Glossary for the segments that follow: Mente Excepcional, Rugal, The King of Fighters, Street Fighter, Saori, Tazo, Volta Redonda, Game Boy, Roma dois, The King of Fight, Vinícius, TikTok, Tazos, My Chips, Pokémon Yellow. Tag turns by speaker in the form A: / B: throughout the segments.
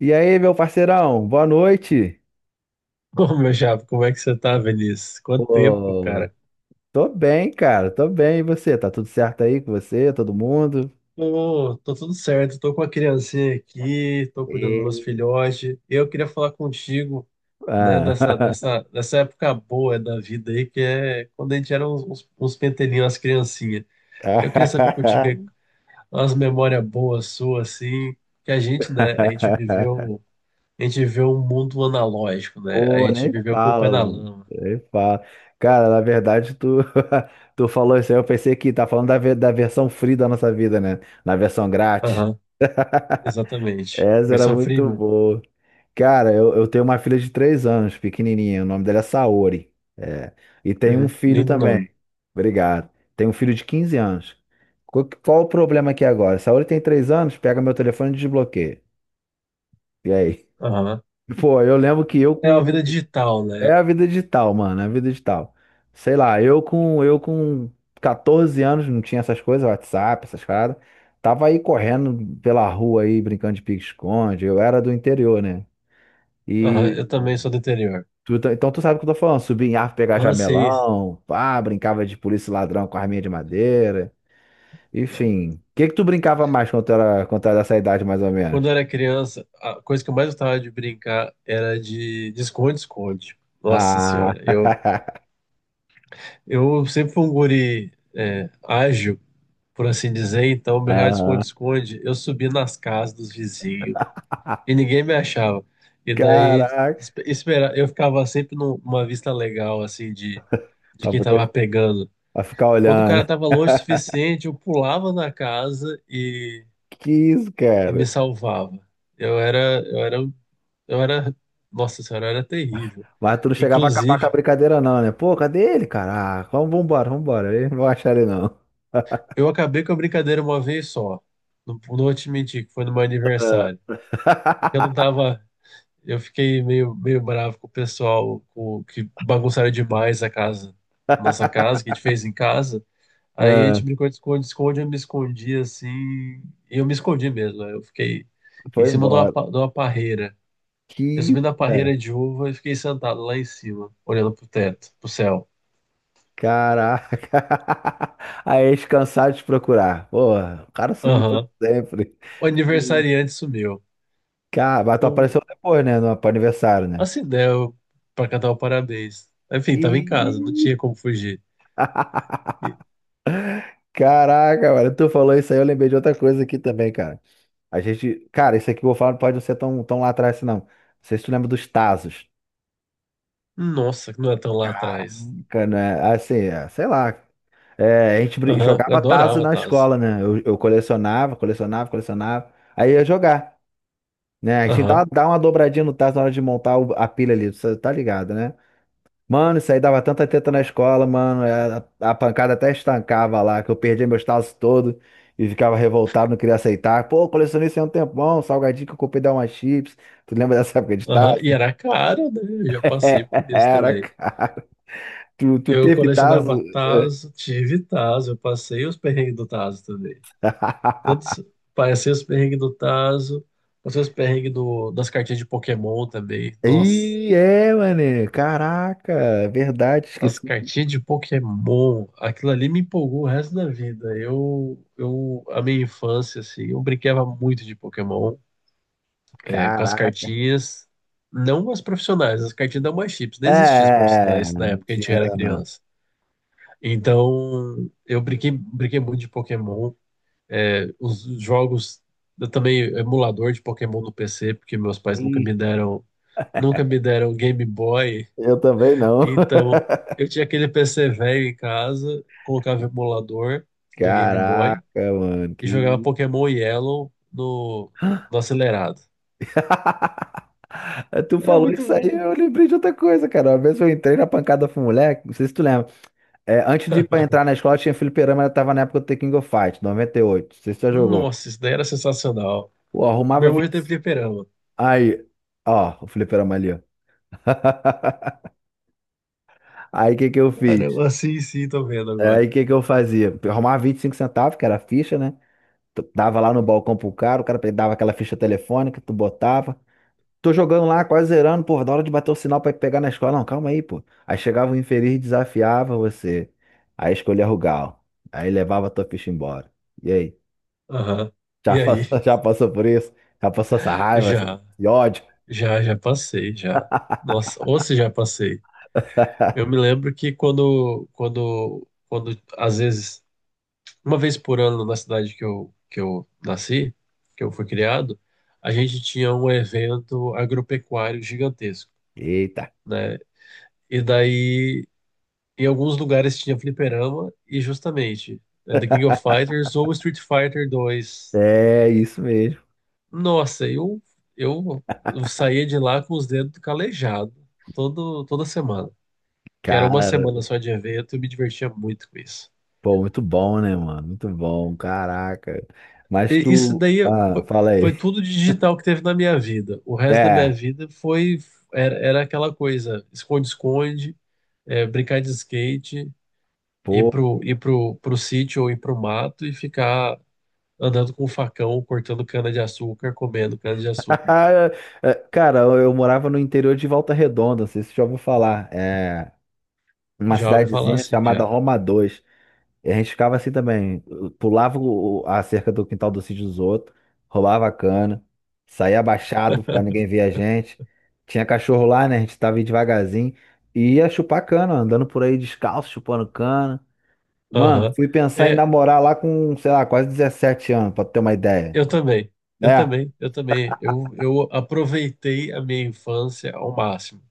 A: E aí, meu parceirão, boa noite.
B: Ô, meu chapa, como é que você tá, Vinícius? Quanto tempo,
A: Pô,
B: cara?
A: tô bem, cara, tô bem. E você? Tá tudo certo aí com você, todo mundo?
B: Tô, tudo certo, tô com a criancinha aqui, tô cuidando dos meus
A: E-
B: filhotes. Eu queria falar contigo, né, dessa,
A: Ah.
B: dessa, dessa época boa da vida aí, que é quando a gente era uns pentelinhos, as criancinhas. Eu queria saber contigo aí, umas memórias boas suas, assim, que a gente, né, a gente viveu um mundo analógico, né? A
A: Pô,
B: gente
A: nem
B: viveu com o pé
A: fala,
B: na
A: mano.
B: lama.
A: Nem fala. Cara, na verdade, tu, tu falou isso aí, eu pensei que tá falando da versão free da nossa vida, né? Na versão grátis.
B: Aham, exatamente.
A: Essa era
B: Versão
A: muito
B: freemium.
A: boa. Cara, eu tenho uma filha de três anos, pequenininha. O nome dela é Saori. É. E tem um
B: Uhum,
A: filho
B: lindo nome.
A: também. Obrigado. Tem um filho de 15 anos. Qual o problema aqui agora? Saori tem três anos, pega meu telefone e desbloqueia. E aí?
B: Aham.
A: Pô, eu lembro que eu
B: É uma vida
A: com.
B: digital,
A: É
B: né?
A: a vida digital, mano, é a vida digital. Sei lá, eu com 14 anos, não tinha essas coisas, WhatsApp, essas paradas. Tava aí correndo pela rua aí, brincando de pique-esconde. Eu era do interior, né?
B: Aham, eu
A: E
B: também sou do interior.
A: Então tu sabe o que eu tô falando. Subir em árvore, pegar
B: Ah, sei.
A: jamelão, pá, brincava de polícia e ladrão com arminha de madeira. Enfim. O que que tu brincava mais quando tu era dessa idade, mais ou
B: Quando eu
A: menos?
B: era criança, a coisa que eu mais gostava de brincar era de esconde-esconde. Nossa
A: Ah,
B: senhora, eu, eu sempre fui um guri ágil, por assim dizer, então meu real de
A: ah,
B: esconde-esconde, eu subia nas casas dos vizinhos e ninguém me achava. E daí
A: caraca,
B: esperar, eu ficava sempre numa vista legal, assim, de
A: pra
B: quem
A: poder
B: tava pegando.
A: pra ficar
B: Quando o cara
A: olhando.
B: estava longe o suficiente, eu pulava na casa
A: Que isso,
B: e me
A: cara?
B: salvava. Eu era, eu era, eu era, nossa senhora, eu era terrível.
A: Mas tu não chegava a acabar com a
B: Inclusive,
A: brincadeira, não, né? Pô, cadê ele, cara? Ah, vamos vambora, vambora. Ele não vai achar ele, não.
B: eu acabei com a brincadeira uma vez só. Não, não vou te mentir, que foi no meu aniversário. Porque eu não tava, eu fiquei meio bravo com o pessoal com, que bagunçaram demais a casa, a nossa casa, que a gente fez em casa. Aí a gente
A: Ah,
B: brincou de esconde-esconde, eu me escondi assim. E eu me escondi mesmo, né? Eu fiquei em
A: foi
B: cima de uma,
A: embora.
B: de uma parreira.
A: Que
B: Eu subi
A: isso,
B: na parreira de uva e fiquei sentado lá em cima, olhando pro teto, pro céu.
A: caraca. Aí eles cansaram de te procurar. Porra, o cara sumiu pra
B: Aham.
A: sempre.
B: O
A: E,
B: aniversariante sumiu.
A: Cara, mas tu
B: Um,
A: apareceu depois, né? No, pro aniversário, né?
B: assim, deu pra cantar o parabéns. Enfim, tava em casa, não
A: Ih,
B: tinha como fugir. E,
A: Caraca, mano, tu falou isso aí, eu lembrei de outra coisa aqui também, cara. A gente, cara, isso aqui que eu vou falar não pode não ser tão, tão lá atrás, assim, não. Não sei se tu lembra dos Tazos.
B: nossa, que não é tão lá atrás.
A: Caraca, né? Assim, é, sei lá. É, a gente
B: Aham, eu
A: jogava Tazo
B: adorava
A: na
B: Tazo.
A: escola, né? Eu colecionava. Aí ia jogar. Né? A gente
B: Aham,
A: dá uma dobradinha no tacho na hora de montar a pilha ali, você tá ligado, né? Mano, isso aí dava tanta teta na escola, mano. A pancada até estancava lá, que eu perdia meus tazos todos e ficava revoltado, não queria aceitar. Pô, eu colecionei isso aí há um tempão, salgadinho que eu comprei da uma chips. Tu lembra dessa época de
B: aham.
A: tazo?
B: E era caro, né? Eu já passei por isso
A: Era,
B: também.
A: cara. Tu
B: Eu
A: teve tazo?
B: colecionava Tazo, tive Tazo, eu passei os perrengues do Tazo também. Tanto s- Passei os perrengues do Tazo, passei os perrengues das cartinhas de Pokémon também. Nossa,
A: É, mano. Caraca, é verdade,
B: as
A: esqueci.
B: cartinhas de Pokémon, aquilo ali me empolgou o resto da vida. A minha infância, assim, eu brincava muito de Pokémon, com as
A: Caraca.
B: cartinhas, não as profissionais, as cartinhas da My Chips, não existiam as
A: É,
B: profissionais na
A: não
B: época que a
A: tinha
B: gente era
A: ainda não.
B: criança. Então, eu brinquei, brinquei muito de Pokémon. É, os jogos, eu também emulador de Pokémon no PC, porque meus pais nunca
A: Ih,
B: me deram, nunca me deram Game Boy.
A: eu também não.
B: Então, eu tinha aquele PC velho em casa, colocava o emulador do Game Boy
A: Caraca, mano,
B: e jogava
A: que.
B: Pokémon Yellow no, no acelerado.
A: Tu
B: Era
A: falou
B: muito
A: isso aí,
B: bom.
A: eu lembrei de outra coisa, cara. Uma vez eu entrei na pancada com um moleque, não sei se tu lembra. É, antes de ir pra entrar na escola, tinha fliperama, eu tava na época do The King of Fight, 98. Não sei se tu já jogou.
B: Nossa, isso daí era sensacional.
A: Pô,
B: Meu
A: arrumava
B: irmão já teve
A: 20.
B: fliperama.
A: Aí, ó, o fliperama ali, ó. Aí o que que eu fiz?
B: Caramba, sim, sim, tô vendo
A: Aí
B: agora.
A: o que que eu fazia? Eu arrumava 25 centavos, que era a ficha, né? Tu dava lá no balcão pro cara, o cara dava aquela ficha telefônica, tu botava. Tô jogando lá, quase zerando, pô, da hora de bater o sinal pra pegar na escola. Não, calma aí, pô. Aí chegava o infeliz e desafiava você. Aí escolhia Rugal. Aí levava a tua ficha embora. E aí?
B: Aham.
A: Já
B: E aí?
A: passou, já passou por isso? Já passou essa raiva,
B: Já,
A: esse ódio?
B: já, passei, já. Nossa, ou se já passei. Eu me lembro que quando, às vezes, uma vez por ano na cidade que que eu nasci, que eu fui criado, a gente tinha um evento agropecuário gigantesco,
A: Eita.
B: né? E daí, em alguns lugares tinha fliperama e justamente né, The King of Fighters ou Street Fighter 2.
A: É isso mesmo.
B: Nossa, eu, eu saía de lá com os dedos calejados toda semana. Que era uma
A: Cara,
B: semana só de evento e me divertia muito com isso.
A: pô, muito bom, né, mano? Muito bom, caraca. Mas
B: E isso
A: tu.
B: daí
A: Ah,
B: foi,
A: fala
B: foi
A: aí.
B: tudo de digital que teve na minha vida. O resto da minha
A: É,
B: vida foi era, era aquela coisa, esconde-esconde, brincar de skate,
A: pô.
B: pro sítio ou ir pro mato e ficar andando com um facão, cortando cana-de-açúcar, comendo cana-de-açúcar.
A: É, cara, eu morava no interior de Volta Redonda, não sei se você já ouviu falar. É. Uma
B: Já ouvi falar
A: cidadezinha
B: assim,
A: chamada
B: já.
A: Roma dois. E a gente ficava assim também, pulava a cerca do quintal do sítio dos outros, rolava a cana, saía abaixado pra ninguém ver a gente. Tinha cachorro lá, né? A gente tava indo devagarzinho e ia chupar cana, andando por aí descalço, chupando cana. Mano,
B: Aham.
A: fui pensar em
B: É,
A: namorar lá com, sei lá, quase 17 anos, pra tu ter uma ideia,
B: eu também. Eu
A: né?
B: também, eu também. Eu aproveitei a minha infância ao máximo.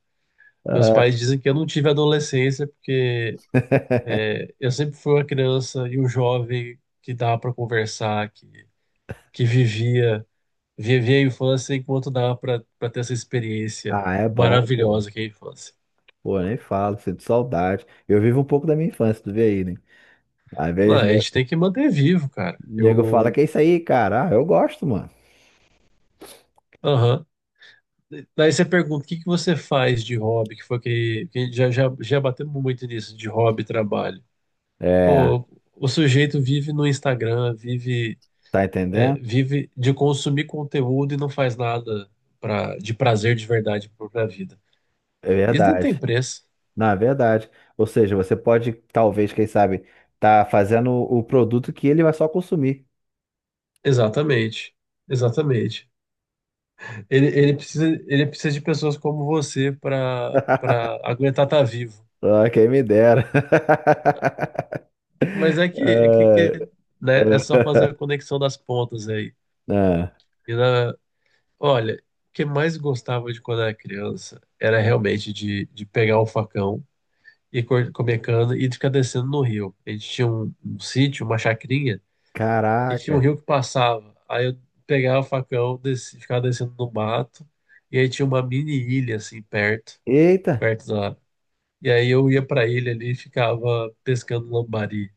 B: Meus pais dizem que eu não tive adolescência porque é, eu sempre fui uma criança e um jovem que dava para conversar, que vivia, vivia a infância enquanto dava para ter essa experiência
A: Ah, é bom, pô.
B: maravilhosa que é a infância.
A: Pô, nem falo, sinto saudade. Eu vivo um pouco da minha infância, tu vê aí, né? Às
B: Não,
A: vezes,
B: a
A: né?
B: gente tem que manter vivo, cara.
A: O nego fala
B: Eu,
A: que é isso aí, cara. Ah, eu gosto, mano.
B: aham. Daí você pergunta, o que que você faz de hobby? Que foi que, que já, batemos muito nisso, de hobby e trabalho.
A: É,
B: Pô, o sujeito vive no Instagram, vive
A: tá entendendo?
B: vive de consumir conteúdo e não faz nada pra, de prazer de verdade para a vida.
A: É
B: Isso não tem
A: verdade.
B: preço.
A: Não, é verdade. Ou seja, você pode, talvez, quem sabe, tá fazendo o produto que ele vai só consumir.
B: Exatamente. Exatamente. Ele precisa de pessoas como você para aguentar estar vivo.
A: Ah, quem me dera.
B: Mas é que,
A: É,
B: né, é só fazer a conexão das pontas aí.
A: ah,
B: E na, olha, o que mais gostava de quando era criança era realmente de pegar o facão e comer cana e de ficar descendo no rio. A gente tinha um sítio, uma chacrinha, e tinha um
A: caraca.
B: rio que passava. Aí eu pegava o facão, desci, ficava descendo no mato. E aí tinha uma mini ilha, assim, perto,
A: Eita,
B: perto da. E aí eu ia pra ilha ali e ficava pescando lambari.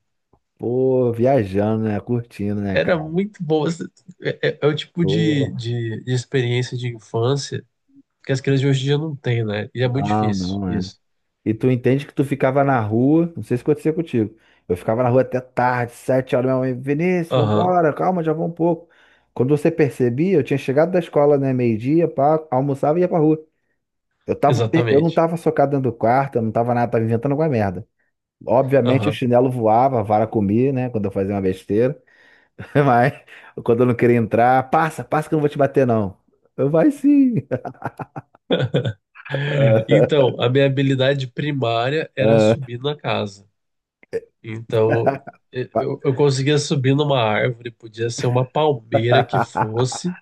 A: pô, viajando, né? Curtindo, né,
B: Era
A: cara?
B: muito bom. É, é o tipo
A: Pô,
B: de, de experiência de infância que as crianças de hoje em dia não têm, né? E é muito
A: não,
B: difícil
A: não, é.
B: isso.
A: E tu entende que tu ficava na rua, não sei se acontecia contigo. Eu ficava na rua até tarde, sete horas, minha mãe, Vinícius,
B: Aham,
A: vambora, calma, já vou um pouco. Quando você percebia, eu tinha chegado da escola, né, meio-dia, pá, almoçava e ia pra rua. Eu tava, eu não
B: exatamente.
A: tava socado dentro do quarto, eu não tava nada, tava inventando alguma merda. Obviamente o
B: Aham.
A: chinelo voava, a vara comia, né, quando eu fazia uma besteira. Mas quando eu não queria entrar, passa que eu não vou te bater, não. Eu, vai sim.
B: Então, a minha habilidade primária era subir na casa. Então, eu conseguia subir numa árvore, podia ser uma palmeira que fosse.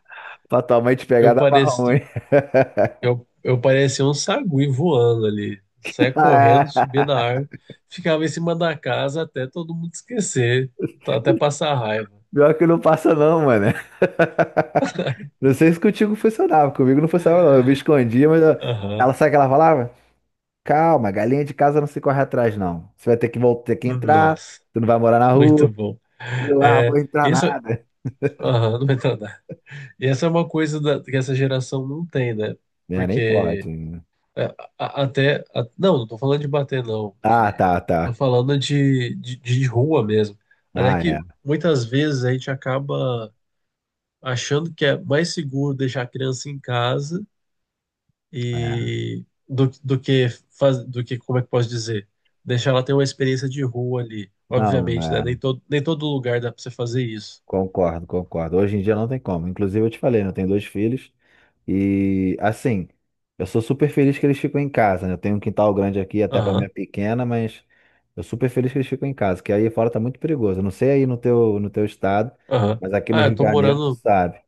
A: Pra tua mãe te pegar,
B: Eu
A: dava
B: parecia,
A: ruim.
B: eu parecia um sagui voando ali. Saia correndo, subia na árvore, ficava em cima da casa até todo mundo esquecer, até passar raiva.
A: Pior que não passa não, mano. Não sei se contigo funcionava, comigo não funcionava não. Eu me escondia,
B: Aham.
A: ela sabe o que ela falava? Calma, galinha de casa não se corre atrás não. Você vai ter que voltar, ter que entrar,
B: Nossa,
A: tu não vai morar na
B: muito
A: rua.
B: bom.
A: Eu, ah, vou
B: É,
A: entrar
B: isso,
A: nada.
B: aham, não vai entrar nada. E essa é uma coisa que essa geração não tem, né?
A: É, nem pode.
B: Porque
A: Né?
B: é, não, não tô falando de bater, não.
A: Ah,
B: De,
A: tá,
B: tô
A: tá.
B: falando de, de rua mesmo. Até
A: Ah, é,
B: que muitas vezes a gente acaba achando que é mais seguro deixar a criança em casa
A: é.
B: e do que faz, do que, como é que posso dizer? Deixar ela ter uma experiência de rua ali.
A: Não,
B: Obviamente, né?
A: é.
B: Nem todo lugar dá pra você fazer isso.
A: Concordo, concordo. Hoje em dia não tem como. Inclusive eu te falei, né, eu tenho dois filhos. E assim, eu sou super feliz que eles ficam em casa, né? Eu tenho um quintal grande aqui até para
B: Aham,
A: minha pequena, mas eu super feliz que eles ficam em casa, que aí fora tá muito perigoso. Eu não sei aí no teu, no teu estado,
B: aham.
A: mas aqui no
B: Ah, eu
A: Rio de
B: tô
A: Janeiro tu
B: morando.
A: sabe.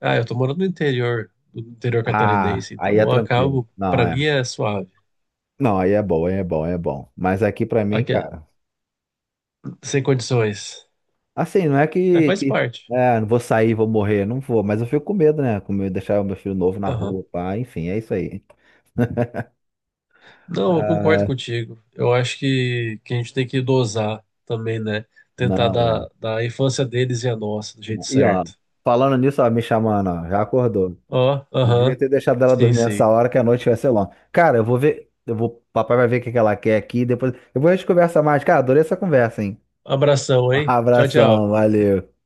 B: Ah, eu tô morando no interior, no interior
A: Ah,
B: catarinense, então
A: aí é
B: eu
A: tranquilo.
B: acabo.
A: Não,
B: Pra
A: é.
B: mim é suave.
A: Não, aí é bom, aí é bom, aí é bom. Mas aqui pra mim,
B: Aqui, é,
A: cara,
B: sem condições.
A: assim, não é
B: É,
A: que,
B: faz
A: que
B: parte.
A: é, não vou sair, vou morrer, não vou, mas eu fico com medo, né? Com medo de deixar o meu filho novo na
B: Aham.
A: rua, pá, enfim, é isso aí.
B: Não, eu concordo
A: Ah,
B: contigo. Eu acho que a gente tem que dosar também, né? Tentar
A: não, é.
B: dar a infância deles e a nossa do jeito
A: E ó,
B: certo.
A: falando nisso, ó, me chamando, ó, já acordou.
B: Ó,
A: Não devia
B: aham.
A: ter deixado ela
B: Sim,
A: dormir essa
B: sim.
A: hora que a noite vai ser longa. Cara, eu vou ver, eu vou, papai vai ver o que que ela quer aqui, depois eu vou a gente conversa mais. Cara, adorei essa conversa, hein?
B: Abração, hein? Tchau, tchau.
A: Abração, valeu.